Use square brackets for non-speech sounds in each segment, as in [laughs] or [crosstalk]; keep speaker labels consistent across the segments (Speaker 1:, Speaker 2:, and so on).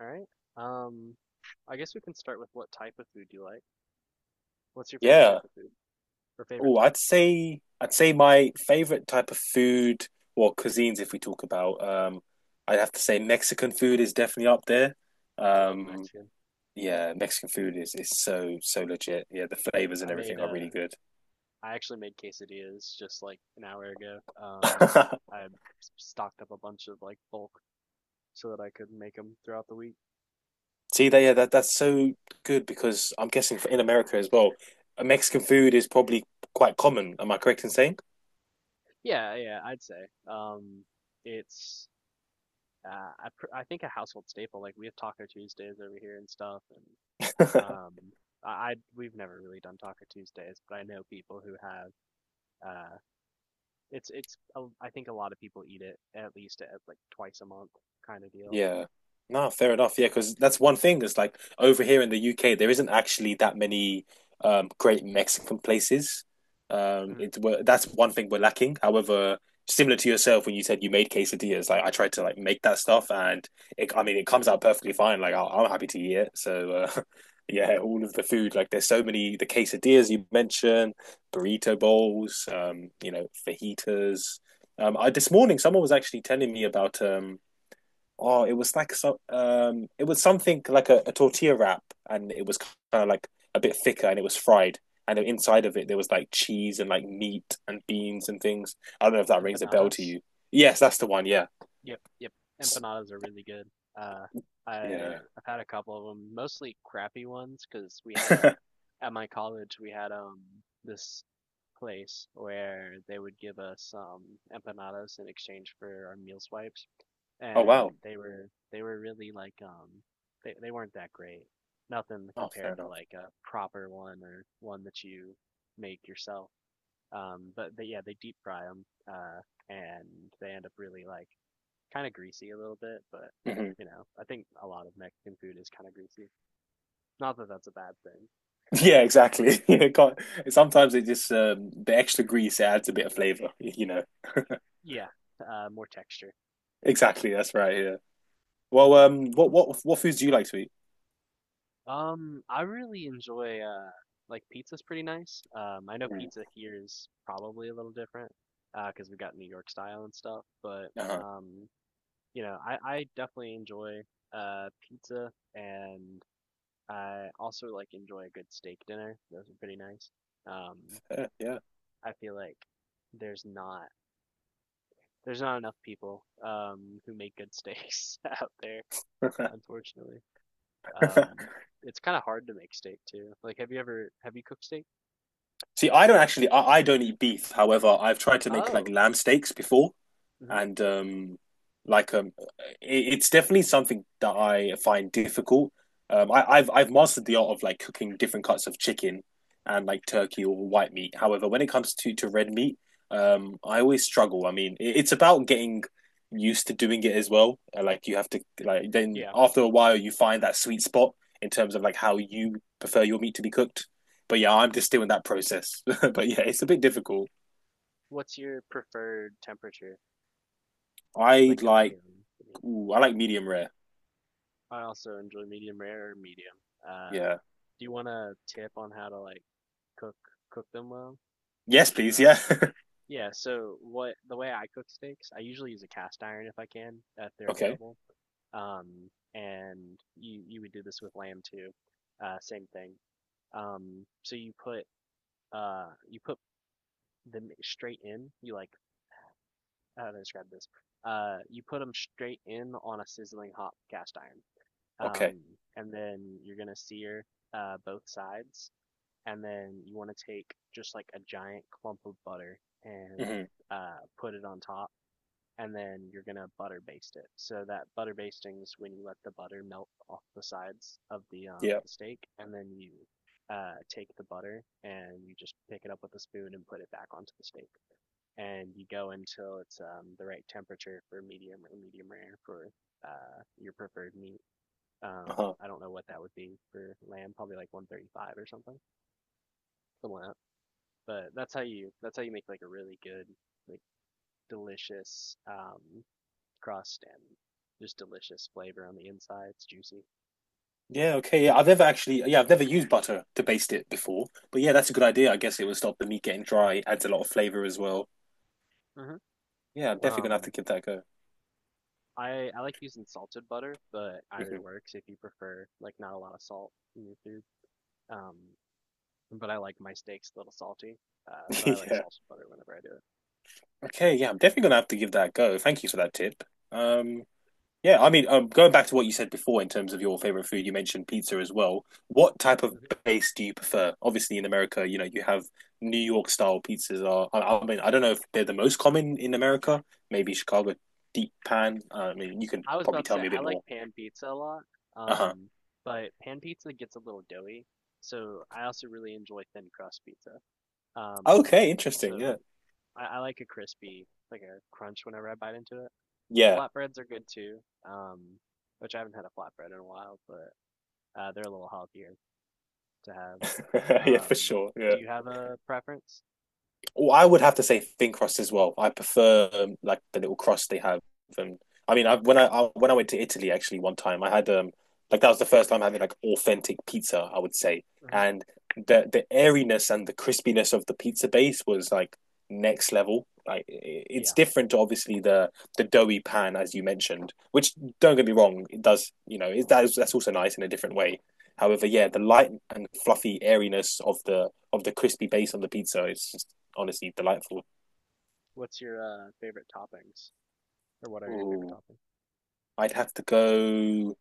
Speaker 1: All right. Um, I guess we can start with what type of food you like. What's your favorite
Speaker 2: Yeah.
Speaker 1: type of food or favorite
Speaker 2: Oh, I'd
Speaker 1: types?
Speaker 2: say I'd say my favorite type of food or cuisines, if we talk about, I'd have to say Mexican food is definitely up there.
Speaker 1: I love
Speaker 2: Um,
Speaker 1: Mexican.
Speaker 2: yeah, Mexican food is so so legit. Yeah, the flavors
Speaker 1: I
Speaker 2: and
Speaker 1: made
Speaker 2: everything are really good.
Speaker 1: I actually made quesadillas just like an hour ago.
Speaker 2: [laughs]
Speaker 1: I stocked up a bunch of like bulk so that I could make them throughout the week.
Speaker 2: See that? Yeah, that's so good because I'm guessing for in America as well, Mexican food is probably quite common. Am I correct in saying?
Speaker 1: Yeah, yeah, I'd say. It's I pr I think a household staple. Like we have Taco Tuesdays over here and stuff, and
Speaker 2: [laughs]
Speaker 1: um, I, we've never really done Taco Tuesdays, but I know people who have. uh. It's I think a lot of people eat it at least at like twice a month kind of deal.
Speaker 2: Yeah. No, fair enough. Yeah, because that's one thing. It's like over here in the UK, there isn't actually that many great Mexican places.
Speaker 1: Mhm.
Speaker 2: That's one thing we're lacking. However, similar to yourself when you said you made quesadillas, like I tried to like make that stuff, and it, I mean, it comes out perfectly fine. Like I'm happy to eat it. So [laughs] yeah, all of the food, like there's so many the quesadillas you mentioned, burrito bowls, you know, fajitas. I this morning someone was actually telling me about oh, it was like some it was something like a tortilla wrap, and it was kind of like a bit thicker, and it was fried. And inside of it, there was like cheese and like meat and beans and things. I don't know if that rings a bell
Speaker 1: Empanadas?
Speaker 2: to you. Yes, that's the one. Yeah,
Speaker 1: Yep, yep. Empanadas are really good. Uh, I
Speaker 2: yeah.
Speaker 1: I've had a couple of them, mostly crappy ones, because we had a
Speaker 2: [laughs]
Speaker 1: at my college we had this place where they would give us empanadas in exchange for our meal swipes,
Speaker 2: Oh
Speaker 1: and
Speaker 2: wow.
Speaker 1: they were really like they weren't that great. Nothing
Speaker 2: Oh, fair
Speaker 1: compared to
Speaker 2: enough.
Speaker 1: like a proper one or one that you make yourself. But they, yeah, they deep fry them, and they end up really like kind of greasy a little bit, but
Speaker 2: hmm
Speaker 1: you know, I think a lot of Mexican food is kind of greasy. Not that that's a bad thing.
Speaker 2: Yeah, exactly. [laughs] It can't, sometimes it just the extra grease it adds a bit of flavor. [laughs]
Speaker 1: Yeah, more texture.
Speaker 2: Exactly. That's right. Yeah. Well, what foods do you like to eat?
Speaker 1: I really enjoy like pizza's pretty nice. I know
Speaker 2: Mm.
Speaker 1: pizza here is probably a little different because we got New York style and stuff, but
Speaker 2: Uh-huh.
Speaker 1: um, you know, I definitely enjoy pizza and I also like enjoy a good steak dinner. Those are pretty nice. Um,
Speaker 2: Yeah.
Speaker 1: I feel like there's not there's not enough people who make good [laughs] steaks out there, unfortunately.
Speaker 2: Yeah.
Speaker 1: Um,
Speaker 2: [laughs]
Speaker 1: it's kind of hard to make steak too. Like, have you cooked steak?
Speaker 2: See, I don't actually, I don't eat beef. However, I've tried to make like
Speaker 1: Oh,
Speaker 2: lamb steaks before,
Speaker 1: hmm
Speaker 2: and like um, it, it's definitely something that I find difficult. I've mastered the art of like cooking different cuts of chicken and like turkey or white meat. However, when it comes to red meat, I always struggle. I mean, it, it's about getting used to doing it as well. Like you have to like then
Speaker 1: yeah.
Speaker 2: after a while you find that sweet spot in terms of like how you prefer your meat to be cooked. But yeah, I'm just still in that process. [laughs] But yeah, it's a bit difficult.
Speaker 1: What's your preferred temperature,
Speaker 2: I
Speaker 1: like of
Speaker 2: like
Speaker 1: the meat?
Speaker 2: ooh, I like medium rare.
Speaker 1: I also enjoy medium rare or medium. Uh,
Speaker 2: Yeah,
Speaker 1: do you want a tip on how to like cook cook them well?
Speaker 2: yes, please. Yeah.
Speaker 1: Uh,
Speaker 2: [laughs]
Speaker 1: yeah. So what the way I cook steaks, I usually use a cast iron if I can, if they're
Speaker 2: Okay.
Speaker 1: available. um, and you would do this with lamb too. Same thing. So you put them straight in. You like how do I describe this? You put them straight in on a sizzling hot cast iron.
Speaker 2: Okay.
Speaker 1: Um, and then you're gonna sear both sides, and then you want to take just like a giant clump of butter and
Speaker 2: hmm
Speaker 1: put it on top and then you're gonna butter baste it. So that butter basting is when you let the butter melt off the sides of
Speaker 2: Yeah.
Speaker 1: the steak, and then you take the butter and you just pick it up with a spoon and put it back onto the steak, and you go until it's the right temperature for medium or medium rare for your preferred meat. Um,
Speaker 2: Uh-huh.
Speaker 1: I don't know what that would be for lamb, probably like 135 or something, something like that. But that's how you make like a really good, like delicious crust and just delicious flavor on the inside. It's juicy.
Speaker 2: Yeah. Okay. Yeah. I've never actually. Yeah. I've never used butter to baste it before. But yeah, that's a good idea. I guess it would stop the meat getting dry. Adds a lot of flavor as well.
Speaker 1: Mhm.
Speaker 2: Yeah. I'm definitely gonna have to
Speaker 1: Um,
Speaker 2: give that a go.
Speaker 1: I like using salted butter, but either
Speaker 2: hmm
Speaker 1: works if you prefer like not a lot of salt in your food. Um, but I like my steaks a little salty,
Speaker 2: [laughs]
Speaker 1: so I like
Speaker 2: Yeah.
Speaker 1: salted butter whenever I do it.
Speaker 2: Okay. Yeah. I'm definitely gonna have to give that a go. Thank you for that tip. Um. Yeah, I mean, going back to what you said before in terms of your favorite food, you mentioned pizza as well. What type of
Speaker 1: Mm-hmm.
Speaker 2: base do you prefer? Obviously, in America, you know, you have New York style pizzas are, I mean, I don't know if they're the most common in America, maybe Chicago deep pan. I mean, you can
Speaker 1: I was
Speaker 2: probably
Speaker 1: about to
Speaker 2: tell
Speaker 1: say
Speaker 2: me a
Speaker 1: I
Speaker 2: bit
Speaker 1: like
Speaker 2: more.
Speaker 1: pan pizza a lot,
Speaker 2: Uh-huh.
Speaker 1: um, but pan pizza gets a little doughy, so I also really enjoy thin crust pizza. Um,
Speaker 2: Okay, interesting.
Speaker 1: so
Speaker 2: Yeah.
Speaker 1: I like a crispy, like a crunch whenever I bite into it.
Speaker 2: Yeah.
Speaker 1: Flatbreads are good too, um, which I haven't had a flatbread in a while, but they're a little healthier to have.
Speaker 2: [laughs] Yeah,
Speaker 1: Um,
Speaker 2: for sure. Yeah.
Speaker 1: do you have a preference?
Speaker 2: Well, I would have to say thin crust as well. I prefer like the little crust they have. And I mean, I when I went to Italy actually one time, I had like that was the first time having like authentic pizza, I would say,
Speaker 1: Hmm.
Speaker 2: and the airiness and the crispiness of the pizza base was like next level. Like it's
Speaker 1: Yeah.
Speaker 2: different to obviously the doughy pan as you mentioned, which don't get me wrong, it does you know it, that is, that's also nice in a different way. However, yeah, the light and fluffy airiness of the crispy base on the pizza is just honestly delightful.
Speaker 1: What's your favorite toppings, or what are your favorite
Speaker 2: Ooh,
Speaker 1: toppings?
Speaker 2: I'd have to go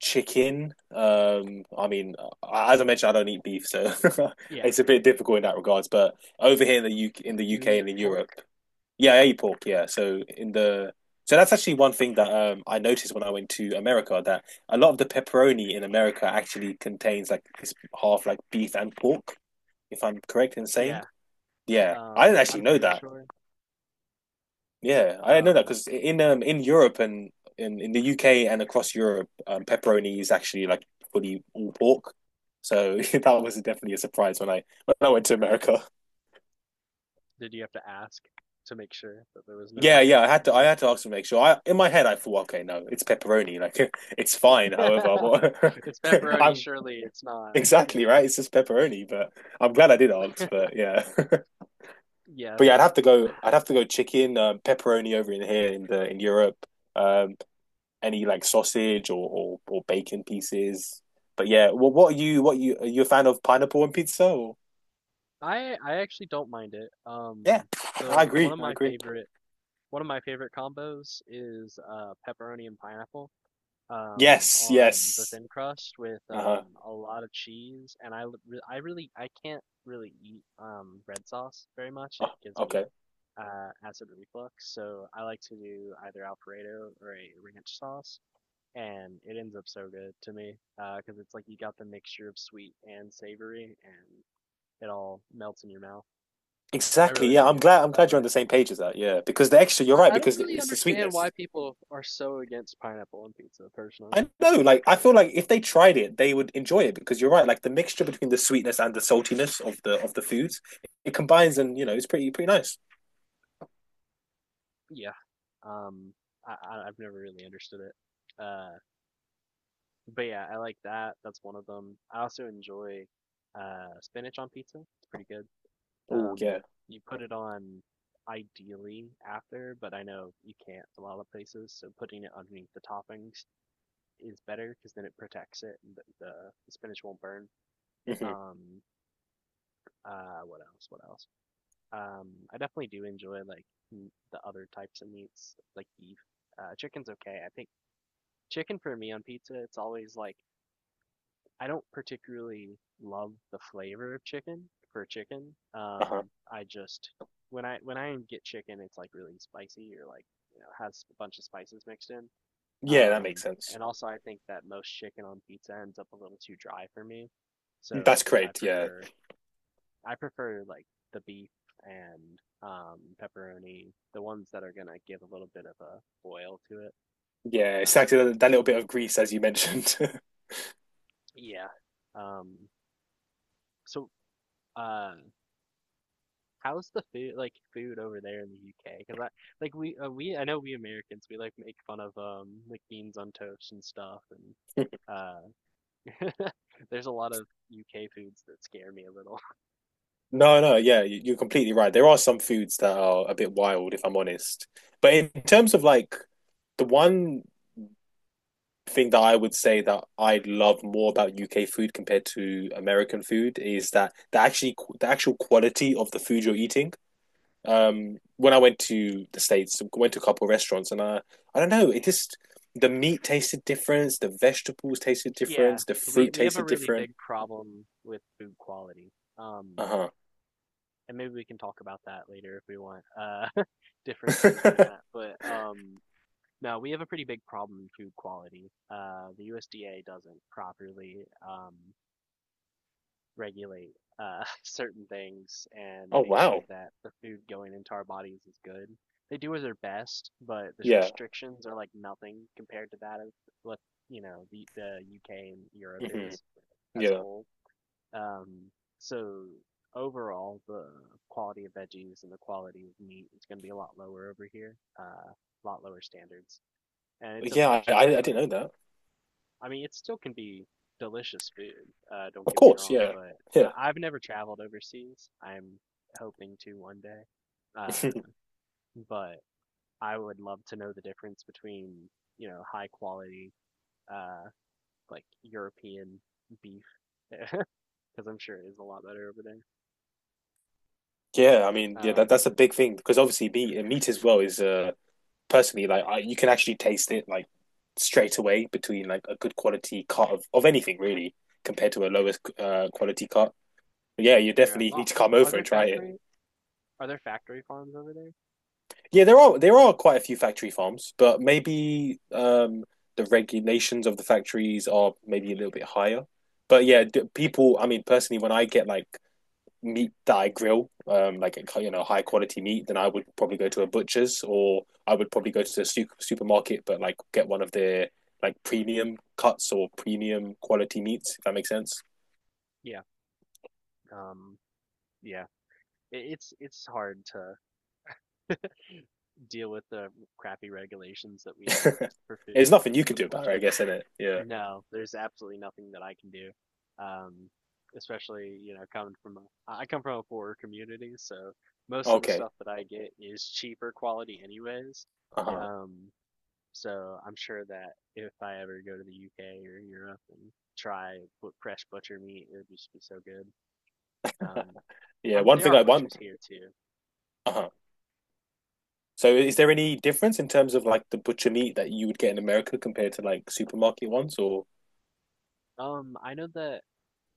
Speaker 2: chicken. I mean, as I mentioned, I don't eat beef, so [laughs]
Speaker 1: Yeah.
Speaker 2: it's a bit difficult in that regards. But over here in the UK, in the
Speaker 1: Do you
Speaker 2: UK and
Speaker 1: eat
Speaker 2: in Europe,
Speaker 1: pork?
Speaker 2: yeah, I eat pork. Yeah, so in the so that's actually one thing that I noticed when I went to America that a lot of the pepperoni in America actually contains like this half like beef and pork, if I'm correct in saying.
Speaker 1: Yeah.
Speaker 2: Yeah, I didn't actually
Speaker 1: I'm
Speaker 2: know
Speaker 1: pretty
Speaker 2: that.
Speaker 1: sure.
Speaker 2: Yeah, I know that
Speaker 1: Um,
Speaker 2: because in Europe and in the UK and across Europe, pepperoni is actually like fully all pork. So [laughs] that was definitely a surprise when I went to America.
Speaker 1: did you have to ask to make sure that there was
Speaker 2: Yeah,
Speaker 1: no
Speaker 2: yeah, I
Speaker 1: beef?
Speaker 2: had to ask to make sure. I in my head I thought, okay, no, it's pepperoni, like [laughs] it's fine. However,
Speaker 1: [laughs]
Speaker 2: what
Speaker 1: It's
Speaker 2: [laughs]
Speaker 1: pepperoni,
Speaker 2: I'm
Speaker 1: surely it's not, you
Speaker 2: exactly
Speaker 1: know?
Speaker 2: right. It's just pepperoni, but I'm glad I did ask. But yeah, [laughs]
Speaker 1: Yeah,
Speaker 2: but yeah,
Speaker 1: that
Speaker 2: I'd have to go chicken, pepperoni over in here in the in Europe. Um, any like sausage or bacon pieces. But yeah, well, what are you? What are you? Are you a fan of pineapple and pizza? Or?
Speaker 1: I actually don't mind it.
Speaker 2: Yeah,
Speaker 1: The one of
Speaker 2: I
Speaker 1: my
Speaker 2: agree.
Speaker 1: favorite One of my favorite combos is pepperoni and pineapple
Speaker 2: Yes,
Speaker 1: on the
Speaker 2: yes.
Speaker 1: thin crust with
Speaker 2: Uh-huh.
Speaker 1: a lot of cheese. And I really, I can't really eat red sauce very much. It
Speaker 2: Oh,
Speaker 1: gives
Speaker 2: okay.
Speaker 1: me acid reflux. So I like to do either Alfredo or a ranch sauce. And it ends up so good to me because it's like you got the mixture of sweet and savory and it all melts in your mouth. I
Speaker 2: Exactly.
Speaker 1: really
Speaker 2: Yeah,
Speaker 1: like it
Speaker 2: I'm
Speaker 1: that
Speaker 2: glad you're on
Speaker 1: way.
Speaker 2: the same page as that. Yeah, because the extra, you're right.
Speaker 1: I don't
Speaker 2: Because
Speaker 1: really
Speaker 2: it's the
Speaker 1: understand why
Speaker 2: sweetness.
Speaker 1: people are so against pineapple on pizza, personally.
Speaker 2: I know, like I feel like if they tried it, they would enjoy it because you're right, like the mixture between the sweetness and the saltiness of the foods, it combines and you know, it's pretty pretty nice.
Speaker 1: Yeah. Um, I've never really understood it. But yeah, I like that. That's one of them. I also enjoy spinach on pizza. It's pretty good.
Speaker 2: Oh
Speaker 1: Um,
Speaker 2: yeah.
Speaker 1: you put it on ideally after, but I know you can't a lot of places, so putting it underneath the toppings is better because then it protects it and the spinach won't burn.
Speaker 2: hmm
Speaker 1: Um, what else? What else? I definitely do enjoy like the other types of meats, like beef. Chicken's okay. I think chicken for me on pizza, it's always like I don't particularly love the flavor of chicken for chicken.
Speaker 2: Uh-huh.
Speaker 1: I just when I get chicken, it's like really spicy or like you know has a bunch of spices mixed in.
Speaker 2: Yeah, that makes
Speaker 1: Um,
Speaker 2: sense.
Speaker 1: and also I think that most chicken on pizza ends up a little too dry for me,
Speaker 2: That's
Speaker 1: so
Speaker 2: correct. Yeah.
Speaker 1: I prefer like the beef and pepperoni, the ones that are gonna give a little bit of a boil to it.
Speaker 2: Yeah,
Speaker 1: Um,
Speaker 2: exactly that, that little bit of grease as you mentioned. [laughs]
Speaker 1: yeah. Um, so, uh, how's the food like food over there in the UK? Because I like we I know we Americans we like make fun of like beans on toast and stuff and uh [laughs] there's a lot of UK foods that scare me a little.
Speaker 2: No, no, yeah, you're completely right. There are some foods that are a bit wild, if I'm honest. But in terms of like the one thing that I would say that I love more about UK food compared to American food is that the actually the actual quality of the food you're eating. When I went to the States, went to a couple of restaurants, and I don't know, it just the meat tasted different, the vegetables tasted
Speaker 1: Yeah,
Speaker 2: different, the fruit
Speaker 1: we have a
Speaker 2: tasted
Speaker 1: really
Speaker 2: different.
Speaker 1: big problem with food quality. Um,
Speaker 2: Uh-huh.
Speaker 1: and maybe we can talk about that later if we want [laughs] differences in that
Speaker 2: [laughs]
Speaker 1: but no we have a pretty big problem in food quality the USDA doesn't properly um regulate [laughs] certain things and
Speaker 2: Oh
Speaker 1: make sure
Speaker 2: wow.
Speaker 1: that the food going into our bodies is good. They do their best but the
Speaker 2: Yeah.
Speaker 1: restrictions are like nothing compared to that of what you know the UK and Europe
Speaker 2: hmm
Speaker 1: is as a
Speaker 2: Yeah.
Speaker 1: whole. um, so overall, the quality of veggies and the quality of meat is going to be a lot lower over here, a lot lower standards, and it's
Speaker 2: Yeah,
Speaker 1: unfortunate.
Speaker 2: I didn't
Speaker 1: But
Speaker 2: know that.
Speaker 1: I mean, it still can be delicious food. Don't
Speaker 2: Of
Speaker 1: get me
Speaker 2: course,
Speaker 1: wrong,
Speaker 2: yeah,
Speaker 1: but
Speaker 2: yeah,
Speaker 1: I've never traveled overseas. I'm hoping to one day. Uh,
Speaker 2: [laughs]
Speaker 1: but I would love to know the difference between, you know, high quality, uh, like European beef, [laughs] because I'm sure it is a lot better over there.
Speaker 2: yeah. I mean, yeah, that
Speaker 1: Um,
Speaker 2: that's a big thing because obviously meat as well is personally like I, you can actually taste it like straight away between like a good quality cut of anything really compared to a lowest quality cut. Yeah, you
Speaker 1: Yeah.
Speaker 2: definitely need to come
Speaker 1: Are
Speaker 2: over
Speaker 1: there
Speaker 2: and try it.
Speaker 1: factory are there factory farms over there?
Speaker 2: Yeah, there are quite a few factory farms, but maybe the regulations of the factories are maybe a little bit higher. But yeah,
Speaker 1: Like
Speaker 2: people. I mean, personally, when I get like meat that I grill, like you know, high quality meat, then I would probably go to a butcher's or I would probably go to the supermarket, but like get one of their like premium cuts or premium quality meats. If that makes sense.
Speaker 1: yeah. Um yeah. It's hard to deal with the crappy regulations that we have
Speaker 2: [laughs]
Speaker 1: for
Speaker 2: There's
Speaker 1: food.
Speaker 2: nothing you
Speaker 1: It's
Speaker 2: can do about it, I
Speaker 1: unfortunate.
Speaker 2: guess, isn't it. Yeah.
Speaker 1: No, there's absolutely nothing that I can do. Um, especially, you know, I come from a poorer community, so most of the
Speaker 2: Okay.
Speaker 1: stuff that I get is cheaper quality anyways.
Speaker 2: Uh huh.
Speaker 1: Um, So I'm sure that if I ever go to the UK or Europe and try fresh butcher meat, it would just be so good. Um,
Speaker 2: Yeah.
Speaker 1: I'm
Speaker 2: One
Speaker 1: there
Speaker 2: thing
Speaker 1: are
Speaker 2: I want.
Speaker 1: butchers here too.
Speaker 2: Uh huh. So, is there any difference in terms of like the butcher meat that you would get in America compared to like supermarket ones? Or
Speaker 1: I know that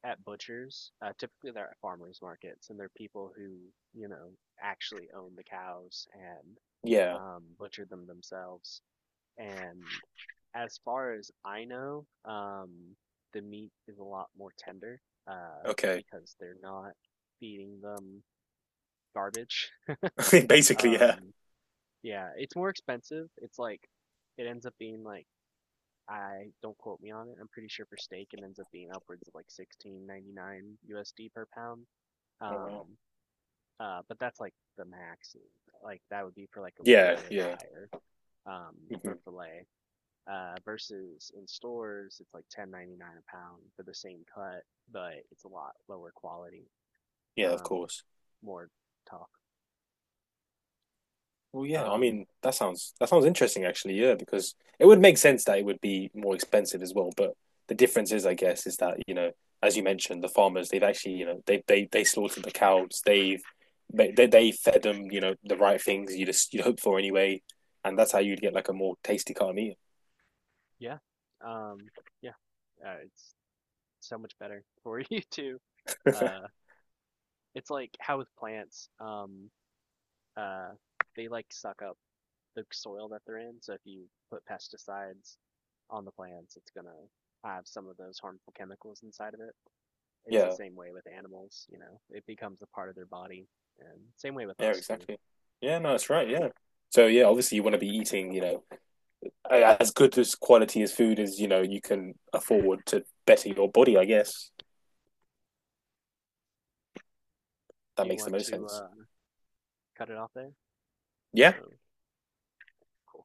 Speaker 1: at butchers, typically they're at farmers markets, and they're people who, you know, actually own the cows and
Speaker 2: yeah.
Speaker 1: butcher them themselves. And as far as I know, the meat is a lot more tender, uh,
Speaker 2: Okay.
Speaker 1: because they're not feeding them garbage.
Speaker 2: [laughs] Basically, yeah.
Speaker 1: Um, yeah, it's more expensive. It's like it ends up being like I don't quote me on it. I'm pretty sure for steak it ends up being upwards of like 16.99 USD per pound.
Speaker 2: Oh
Speaker 1: Um,
Speaker 2: wow.
Speaker 1: but that's like the max. Like that would be for like a good
Speaker 2: Yeah. Yeah.
Speaker 1: ribeye or um for
Speaker 2: hmm
Speaker 1: fillet. Versus in stores it's like 10.99 a pound for the same cut, but it's a lot lower quality.
Speaker 2: Yeah. Of
Speaker 1: Um,
Speaker 2: course.
Speaker 1: more talk.
Speaker 2: Well, yeah, I
Speaker 1: Um,
Speaker 2: mean, that sounds interesting actually, yeah, because it would make sense that it would be more expensive as well. But the difference is, I guess, is that, you know, as you mentioned, the farmers, they've actually, you know, they slaughtered the cows, they've they fed them, you know, the right things you just you'd hope for anyway, and that's how you'd get like a more tasty cut of meat.
Speaker 1: yeah. Um, yeah it's so much better [laughs] for you too. Uh, it's like how with plants, uh, they like suck up the soil that they're in. So if you put pesticides on the plants, it's gonna have some of those harmful chemicals inside of it. It's the
Speaker 2: Yeah,
Speaker 1: same way with animals. You know, it becomes a part of their body, and same way with
Speaker 2: yeah,
Speaker 1: us too.
Speaker 2: exactly. Yeah, no, that's right, yeah. So yeah, obviously you want to be eating, you know, as good as quality as food as, you know, you can afford to better your body, I guess.
Speaker 1: Do
Speaker 2: That
Speaker 1: you
Speaker 2: makes the
Speaker 1: want
Speaker 2: most
Speaker 1: to
Speaker 2: sense.
Speaker 1: cut it off there? I
Speaker 2: Yeah.
Speaker 1: don't know. Cool.